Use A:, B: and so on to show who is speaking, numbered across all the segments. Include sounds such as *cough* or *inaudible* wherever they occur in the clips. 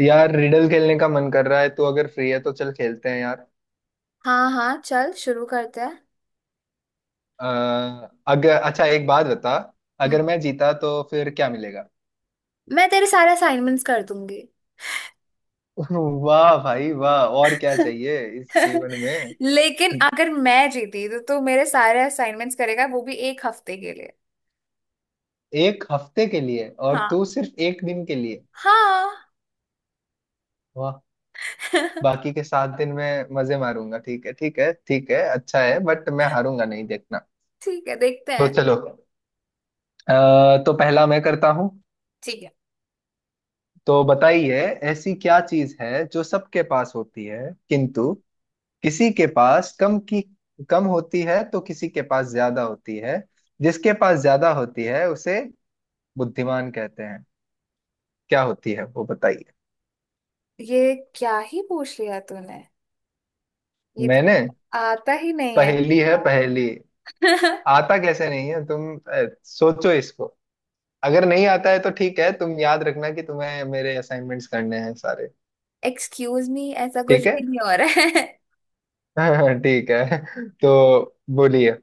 A: यार रिडल खेलने का मन कर रहा है, तो अगर फ्री है तो चल खेलते हैं यार।
B: हाँ, हाँ, चल शुरू करते हैं।
A: आ, अगर अच्छा, एक बात बता।
B: हम्म,
A: अगर मैं जीता तो फिर क्या मिलेगा?
B: मैं तेरे सारे असाइनमेंट्स कर दूंगी।
A: *laughs* वाह भाई वाह! और क्या
B: *laughs*
A: चाहिए इस जीवन में।
B: लेकिन अगर मैं जीती तो तू मेरे सारे असाइनमेंट्स करेगा, वो भी एक हफ्ते के लिए।
A: एक हफ्ते के लिए, और
B: हाँ,
A: तू सिर्फ एक दिन के लिए?
B: हाँ।
A: वाह!
B: *laughs*
A: बाकी के सात दिन में मजे मारूंगा। ठीक है, ठीक है, ठीक है, अच्छा है। बट मैं हारूंगा नहीं, देखना।
B: ठीक है, देखते
A: तो
B: हैं।
A: चलो। तो पहला मैं करता हूँ।
B: ठीक है।
A: तो बताइए, ऐसी क्या चीज है जो सबके पास होती है, किंतु किसी के पास कम होती है तो किसी के पास ज्यादा होती है। जिसके पास ज्यादा होती है उसे बुद्धिमान कहते हैं। क्या होती है वो, बताइए।
B: ये क्या ही पूछ लिया तूने। ये तो
A: मैंने,
B: मुझे आता ही नहीं है।
A: पहेली है पहेली। आता कैसे नहीं है? तुम सोचो इसको। अगर नहीं आता है तो ठीक है, तुम याद रखना कि तुम्हें मेरे असाइनमेंट्स करने हैं सारे।
B: एक्सक्यूज मी, ऐसा कुछ
A: ठीक है।
B: भी नहीं हो रहा
A: *laughs* ठीक है। तो बोलिए,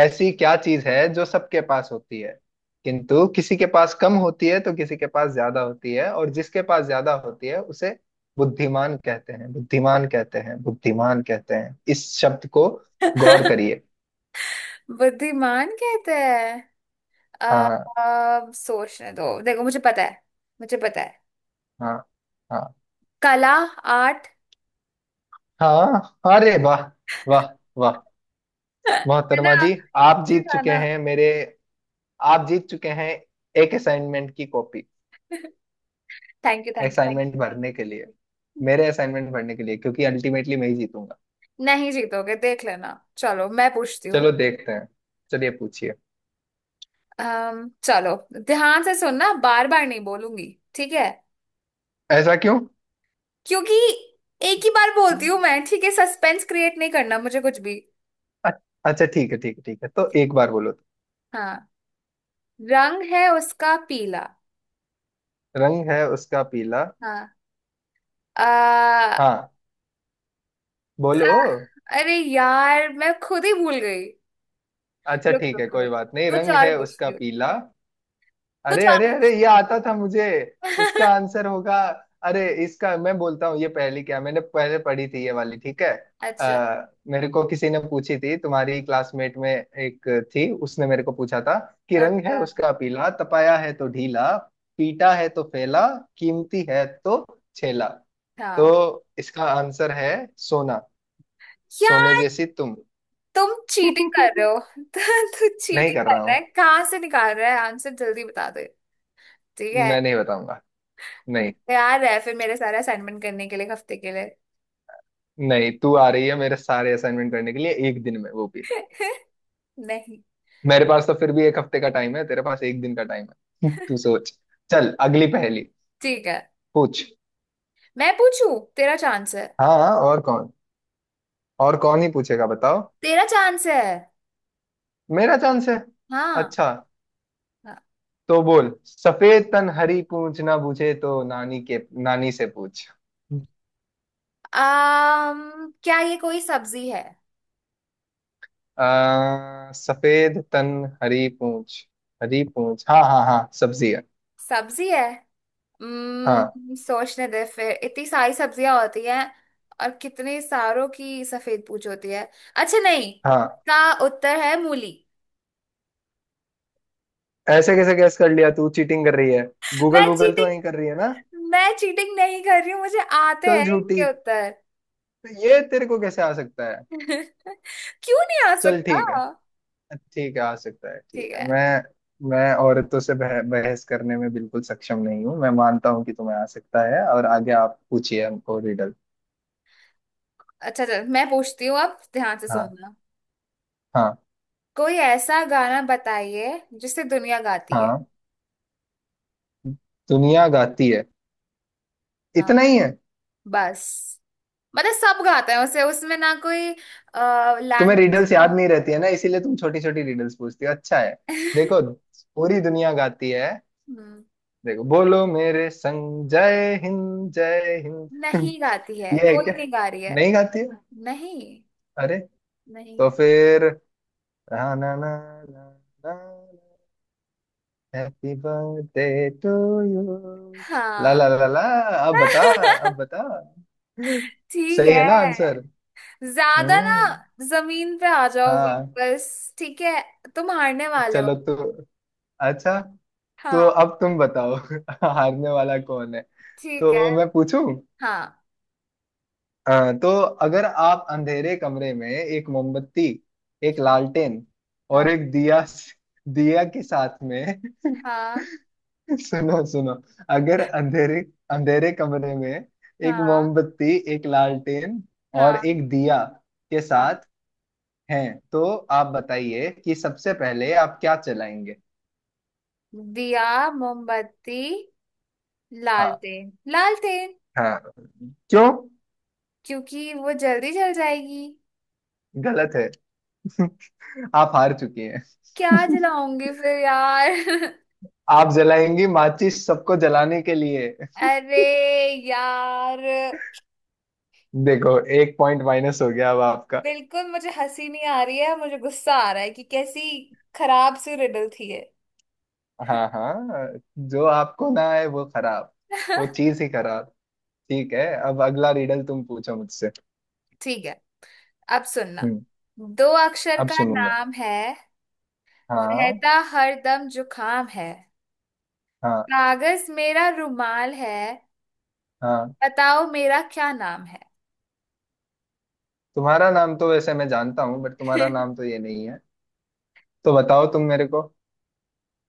A: ऐसी क्या चीज है जो सबके पास होती है, किंतु किसी के पास कम होती है तो किसी के पास ज्यादा होती है, और जिसके पास ज्यादा होती है उसे बुद्धिमान कहते हैं, बुद्धिमान कहते हैं, बुद्धिमान कहते हैं। इस शब्द को गौर
B: है।
A: करिए।
B: *laughs* बुद्धिमान कहते हैं। अब
A: हाँ।
B: अब सोचने दो, देखो, मुझे पता है। मुझे पता है।
A: हाँ। हाँ।
B: कला। आर्ट।
A: हाँ, अरे वाह! वाह! वाह!
B: *laughs* है
A: मोहतरमा
B: ना।
A: जी, आप
B: इजी
A: जीत
B: था
A: चुके
B: ना।
A: हैं मेरे। आप जीत चुके हैं एक असाइनमेंट की copy,
B: thank you, thank you, thank
A: assignment भरने के लिए,
B: यू।
A: मेरे असाइनमेंट भरने के लिए, क्योंकि अल्टीमेटली मैं ही जीतूंगा।
B: नहीं जीतोगे, देख लेना। चलो, मैं पूछती हूँ।
A: चलो देखते हैं। चलिए पूछिए।
B: चलो। ध्यान से सुनना, बार बार नहीं बोलूंगी। ठीक है।
A: ऐसा क्यों?
B: क्योंकि एक ही बार बोलती हूँ मैं। ठीक है। सस्पेंस क्रिएट नहीं करना मुझे कुछ भी।
A: अ- अच्छा ठीक है, ठीक है, ठीक है, तो एक बार बोलो तो।
B: हाँ, रंग है उसका पीला।
A: रंग है उसका पीला।
B: हाँ। आ,
A: हाँ, बोलो।
B: अरे यार, मैं खुद ही भूल गई।
A: अच्छा
B: रुक,
A: ठीक है,
B: रुक,
A: कोई
B: रुक।
A: बात नहीं।
B: कुछ
A: रंग
B: और
A: है
B: पूछती
A: उसका
B: हूँ।
A: पीला।
B: कुछ
A: अरे अरे अरे,
B: और
A: ये आता था मुझे!
B: पूछ-
A: इसका
B: *laughs*
A: आंसर होगा, अरे इसका मैं बोलता हूँ, ये पहली क्या मैंने पहले पढ़ी थी ये वाली, ठीक है।
B: अच्छा।
A: आ, मेरे को किसी ने पूछी थी, तुम्हारी क्लासमेट में एक थी, उसने मेरे को पूछा था कि रंग है
B: अच्छा,
A: उसका पीला, तपाया है तो ढीला, पीटा है तो फैला, कीमती है तो छेला।
B: हाँ।
A: तो इसका आंसर है सोना। सोने
B: यार,
A: जैसी तुम।
B: तुम
A: *laughs*
B: चीटिंग कर रहे
A: नहीं
B: हो। *laughs* तू चीटिंग
A: कर
B: कर
A: रहा
B: रहा है,
A: हूँ।
B: कहाँ से निकाल रहा है आंसर? जल्दी बता दे। ठीक है।
A: मैं नहीं बताऊंगा। नहीं,
B: तैयार है फिर मेरे सारे असाइनमेंट करने के लिए, एक हफ्ते के लिए?
A: नहीं तू आ रही है मेरे सारे असाइनमेंट करने के लिए एक दिन में, वो भी।
B: *laughs* नहीं।
A: मेरे पास तो फिर भी एक हफ्ते का टाइम है, तेरे पास एक दिन का टाइम है। *laughs* तू सोच। चल अगली पहेली।
B: ठीक है,
A: पूछ।
B: मैं पूछू? तेरा चांस है।
A: हाँ हाँ, और कौन? और कौन ही पूछेगा बताओ?
B: तेरा चांस है।
A: मेरा चांस है।
B: हाँ।
A: अच्छा, तो बोल। सफेद तन हरी पूछ, ना बूझे तो नानी के, नानी से पूछ।
B: क्या ये कोई सब्जी है?
A: सफेद तन हरी पूछ, हरी पूछ। हाँ हाँ हाँ, सब्जी है।
B: सब्जी है?
A: हाँ।
B: सोचने दे फिर, इतनी सारी सब्जियां होती हैं। और कितने सारों की सफेद पूछ होती है। अच्छा, नहीं।
A: हाँ,
B: इसका उत्तर है मूली।
A: ऐसे कैसे गैस कर लिया? तू चीटिंग कर रही है।
B: *laughs* मैं
A: गूगल, गूगल तो नहीं कर
B: चीटिंग
A: रही है ना?
B: मैं चीटिंग नहीं कर रही हूँ, मुझे आते
A: चल
B: हैं
A: झूठी,
B: इनके उत्तर।
A: तो ये तेरे को कैसे आ सकता है?
B: *laughs* क्यों नहीं आ
A: चल
B: सकता?
A: ठीक है, ठीक है आ सकता है, ठीक
B: ठीक
A: है।
B: है।
A: मैं औरतों से बहस करने में बिल्कुल सक्षम नहीं हूँ। मैं मानता हूँ कि तुम्हें आ सकता है। और आगे आप पूछिए हमको रिडल।
B: अच्छा, चल, मैं पूछती हूँ अब। ध्यान से
A: हाँ।
B: सुनना।
A: हाँ।
B: कोई ऐसा गाना बताइए जिसे दुनिया गाती है।
A: हाँ, दुनिया गाती है।
B: हाँ,
A: इतना ही है?
B: बस। मतलब सब गाते हैं उसे, उसमें ना कोई
A: तुम्हें
B: लैंग्वेज
A: रिडल्स याद
B: का।
A: नहीं रहती है ना, इसीलिए तुम छोटी छोटी रिडल्स पूछती हो, अच्छा है।
B: है।
A: देखो,
B: *laughs*
A: पूरी दुनिया गाती है।
B: हम्म।
A: देखो, बोलो मेरे संग, जय हिंद, जय हिंद।
B: नहीं गाती
A: *laughs*
B: है
A: ये है क्या?
B: कोई, नहीं गा रही है।
A: नहीं गाती है?
B: नहीं,
A: अरे! तो
B: नहीं।
A: फिर, ना ना ना, ना, हैप्पी बर्थडे टू यू, ला
B: हाँ।
A: ला ला ला। अब बता। अब
B: *laughs*
A: बता,
B: ठीक
A: सही है ना आंसर?
B: है। ज्यादा
A: हम्म।
B: ना, जमीन पे आ जाओ
A: हाँ,
B: वापस। ठीक है, तुम हारने वाले
A: चलो।
B: हो।
A: तो अच्छा, तो
B: हाँ।
A: अब तुम बताओ *laughs* हारने वाला कौन है।
B: ठीक है।
A: तो मैं पूछूं?
B: हाँ,
A: हाँ तो, अगर आप अंधेरे कमरे में एक मोमबत्ती, एक लालटेन और
B: हाँ,
A: एक दिया, दिया के साथ में
B: हाँ,
A: *laughs* सुनो सुनो। अगर अंधेरे, अंधेरे कमरे में एक
B: हाँ,
A: मोमबत्ती, एक लालटेन और
B: हाँ,
A: एक दिया के
B: हाँ।
A: साथ हैं, तो आप बताइए कि सबसे पहले आप क्या चलाएंगे?
B: दिया, मोमबत्ती,
A: हाँ।
B: लालटेन, लालटेन।
A: हाँ, क्यों?
B: क्योंकि वो जल्दी जल जाएगी।
A: गलत है। *laughs* आप हार चुकी हैं।
B: क्या
A: *laughs*
B: जलाऊंगी फिर यार? *laughs*
A: आप जलाएंगी माचिस, सबको जलाने के लिए।
B: अरे यार,
A: देखो, एक पॉइंट माइनस हो गया अब आपका।
B: बिल्कुल मुझे हंसी नहीं आ रही है, मुझे गुस्सा आ रहा है कि कैसी खराब सी रिडल थी ये।
A: हाँ हाँ, जो आपको ना आए वो खराब, वो
B: *laughs*
A: चीज ही खराब। ठीक है, अब अगला रिडल तुम पूछो मुझसे।
B: ठीक है। अब सुनना।
A: हम्म।
B: दो अक्षर
A: अब
B: का
A: सुनूंगा,
B: नाम है।
A: हाँ।
B: रहता हर दम जुकाम है।
A: हाँ।
B: कागज मेरा रुमाल है।
A: हाँ,
B: बताओ मेरा क्या नाम है।
A: तुम्हारा नाम तो वैसे मैं जानता हूँ, बट तुम्हारा नाम
B: *laughs*
A: तो ये नहीं है। तो बताओ तुम मेरे को।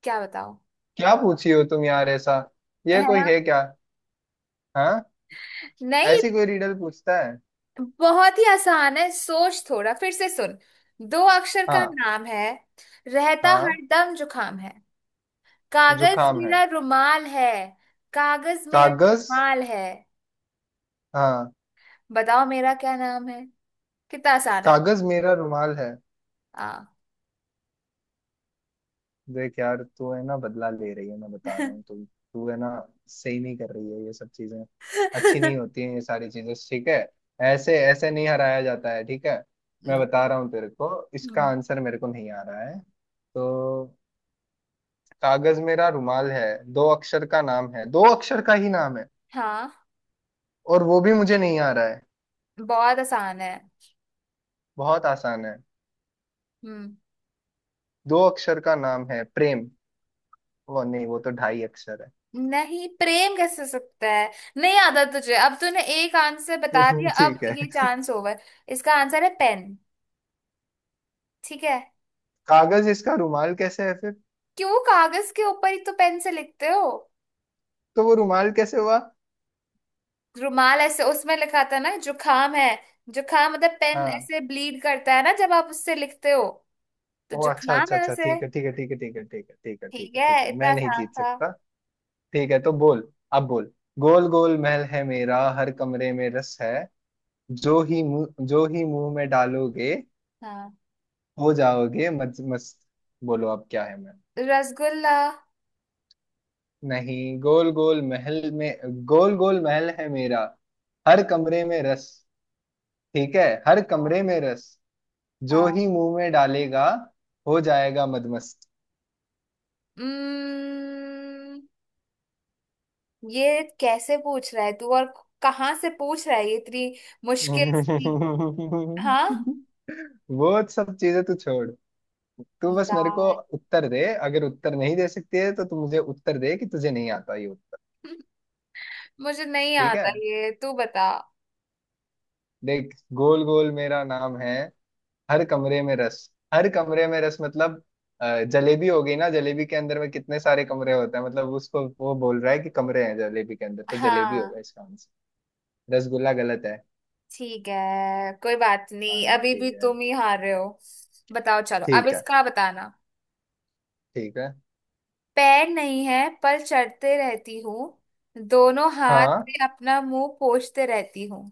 B: क्या बताओ?
A: क्या पूछी हो तुम यार ऐसा? ये
B: है
A: कोई
B: ना।
A: है क्या? हाँ।
B: नहीं।
A: ऐसी कोई रिडल पूछता है?
B: बहुत ही आसान है, सोच थोड़ा, फिर से सुन। दो अक्षर का
A: हाँ।
B: नाम है। रहता हर
A: हाँ,
B: दम जुकाम है। कागज
A: जुकाम है।
B: मेरा रुमाल है। कागज मेरा
A: कागज।
B: रुमाल है।
A: हाँ।
B: बताओ मेरा क्या नाम है। कितना आसान है।
A: कागज मेरा रुमाल है।
B: हाँ।
A: देख यार, तू है ना बदला ले रही है, मैं बता रहा हूँ।
B: *laughs*
A: तू, तू है ना सही नहीं कर रही है ये सब चीजें। अच्छी नहीं होती हैं ये सारी चीजें, ठीक है। ऐसे ऐसे नहीं हराया जाता है, ठीक है। मैं बता रहा हूँ तेरे को, इसका आंसर मेरे को नहीं आ रहा है, तो कागज मेरा रुमाल है, दो अक्षर का नाम है, दो अक्षर का ही नाम है,
B: हाँ।
A: और वो भी मुझे नहीं आ रहा है।
B: बहुत आसान है।
A: बहुत आसान है।
B: हम्म।
A: दो अक्षर का नाम है, प्रेम। वो नहीं, वो तो ढाई अक्षर है।
B: नहीं, प्रेम कैसे हो सकता है? नहीं आता तुझे। अब तूने एक आंसर बता दिया,
A: *laughs*
B: अब
A: ठीक है।
B: ये चांस ओवर। इसका आंसर है पेन। ठीक है?
A: कागज इसका रुमाल कैसे है फिर?
B: क्यों? कागज के ऊपर ही तो पेन से लिखते हो।
A: तो वो रुमाल कैसे हुआ?
B: रुमाल ऐसे उसमें लिखा था ना, जुखाम है। जुखाम मतलब पेन
A: हाँ,
B: ऐसे ब्लीड करता है ना, जब आप उससे लिखते हो। तो
A: ओ अच्छा
B: जुखाम
A: अच्छा
B: है
A: अच्छा,
B: उसे।
A: ठीक है ठीक है ठीक है ठीक है ठीक है ठीक है ठीक
B: ठीक
A: है
B: है,
A: ठीक है,
B: इतना
A: मैं नहीं
B: आसान
A: जीत
B: था।
A: सकता। ठीक है, तो बोल। अब बोल, गोल गोल महल है मेरा, हर कमरे में रस है, जो ही मुंह, जो ही मुंह में डालोगे,
B: हाँ,
A: हो जाओगे मज मस्त। बोलो अब क्या है? मैं,
B: रसगुल्ला।
A: नहीं, गोल गोल महल में, गोल गोल महल है मेरा, हर कमरे में रस। ठीक है, हर कमरे में रस, जो
B: हाँ।
A: ही मुंह में डालेगा हो जाएगा मदमस्त।
B: उम्म, ये कैसे पूछ रहा है तू, और कहाँ से पूछ रहा है ये, इतनी मुश्किल सी। हाँ
A: *laughs* वो सब चीजें तू छोड़, तू बस मेरे को
B: यार।
A: उत्तर दे। अगर उत्तर नहीं दे सकती है तो तू मुझे उत्तर दे कि तुझे नहीं आता ये उत्तर।
B: *laughs* मुझे नहीं
A: ठीक है,
B: आता ये, तू बता।
A: देख, गोल गोल मेरा नाम है, हर कमरे में रस, हर कमरे में रस मतलब जलेबी हो गई ना, जलेबी के अंदर में कितने सारे कमरे होते हैं, मतलब उसको वो बोल रहा है कि कमरे हैं जलेबी के अंदर, तो जलेबी
B: हाँ,
A: होगा इसका आंसर। रसगुल्ला गलत है।
B: ठीक है, कोई बात नहीं,
A: हाँ
B: अभी भी
A: ठीक है,
B: तुम ही हार रहे हो। बताओ, चलो अब,
A: ठीक है,
B: इसका बताना।
A: ठीक है।
B: पैर नहीं है, पर चढ़ते रहती हूँ। दोनों हाथ
A: हाँ,
B: से अपना मुंह पोंछते रहती हूँ।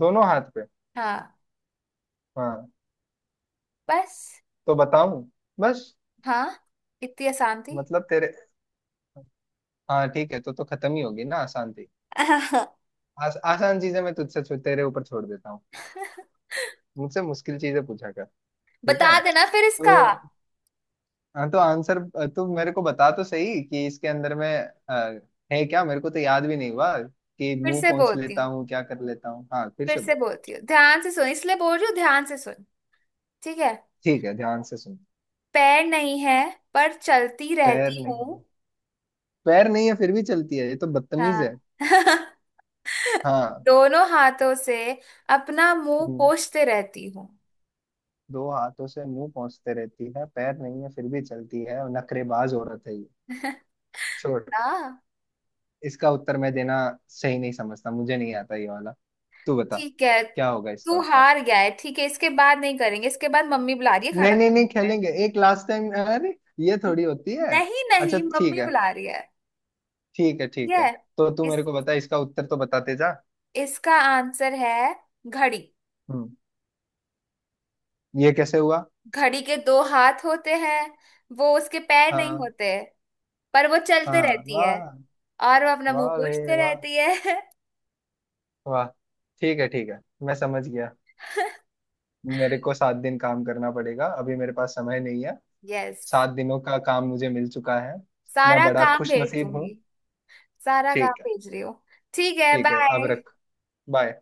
A: दोनों हाथ पे।
B: हाँ,
A: हाँ,
B: बस।
A: तो बताऊं? बस?
B: हाँ, इतनी आसान थी।
A: मतलब तेरे, हाँ ठीक है, तो खत्म ही होगी ना, आसान थी।
B: *laughs*
A: आसान चीजें मैं तुझसे तेरे ऊपर छोड़ देता हूँ, मुझसे मुश्किल चीजें पूछा कर। ठीक है,
B: बता देना फिर इसका।
A: तो, हाँ तो आंसर, तू मेरे को बता तो सही कि इसके अंदर में अ, है क्या? मेरे को तो याद भी नहीं हुआ कि
B: फिर
A: मुंह
B: से
A: पहुंच
B: बोलती
A: लेता
B: हूँ,
A: हूँ क्या कर लेता हूँ, हाँ, फिर
B: फिर
A: से
B: से
A: बोल।
B: बोलती हूँ, ध्यान से सुन। इसलिए बोल रही हूँ, ध्यान से सुन। ठीक है।
A: ठीक है, ध्यान से सुन।
B: पैर नहीं है, पर चलती
A: पैर
B: रहती
A: नहीं,
B: हूँ।
A: पैर नहीं है फिर भी चलती है, ये तो बदतमीज है।
B: हाँ। *laughs*
A: हाँ।
B: दोनों हाथों से अपना मुंह
A: हम्म,
B: पोंछते रहती हूँ।
A: दो हाथों से मुंह पहुंचते रहती है, पैर नहीं है फिर भी चलती है, नखरेबाज औरत है ये।
B: *laughs*
A: छोड़,
B: आ,
A: इसका उत्तर मैं देना सही नहीं समझता, मुझे नहीं आता ये वाला, तू बता
B: ठीक है,
A: क्या होगा इसका
B: तू
A: उत्तर।
B: हार गया है। ठीक है, इसके बाद नहीं करेंगे, इसके बाद मम्मी बुला रही है
A: नहीं
B: खाना
A: नहीं
B: खाने
A: नहीं,
B: के लिए।
A: खेलेंगे एक लास्ट टाइम, अरे ये थोड़ी होती है।
B: नहीं,
A: अच्छा
B: नहीं,
A: ठीक
B: मम्मी
A: है,
B: बुला रही है।
A: ठीक है
B: ठीक
A: ठीक है।
B: है।
A: तो तू
B: इस
A: मेरे को बता इसका उत्तर तो बताते जा।
B: इसका आंसर है घड़ी।
A: हम्म, ये कैसे हुआ?
B: घड़ी के दो हाथ होते हैं। वो उसके पैर नहीं
A: हाँ।
B: होते। पर वो चलते
A: हाँ
B: रहती है।
A: वाह।
B: और वो अपना मुंह
A: वाह रे,
B: पोंछते
A: वाह,
B: रहती है।
A: वाह। ठीक है ठीक है, मैं समझ गया, मेरे को सात दिन काम करना पड़ेगा, अभी मेरे पास समय नहीं है।
B: *laughs* यस।
A: सात दिनों का काम मुझे मिल चुका है। मैं
B: सारा
A: बड़ा
B: काम
A: खुश
B: भेज
A: नसीब हूँ।
B: दूंगी। सारा काम
A: ठीक है।
B: भेज रही हो। ठीक है,
A: ठीक है, अब
B: बाय।
A: रख। बाय।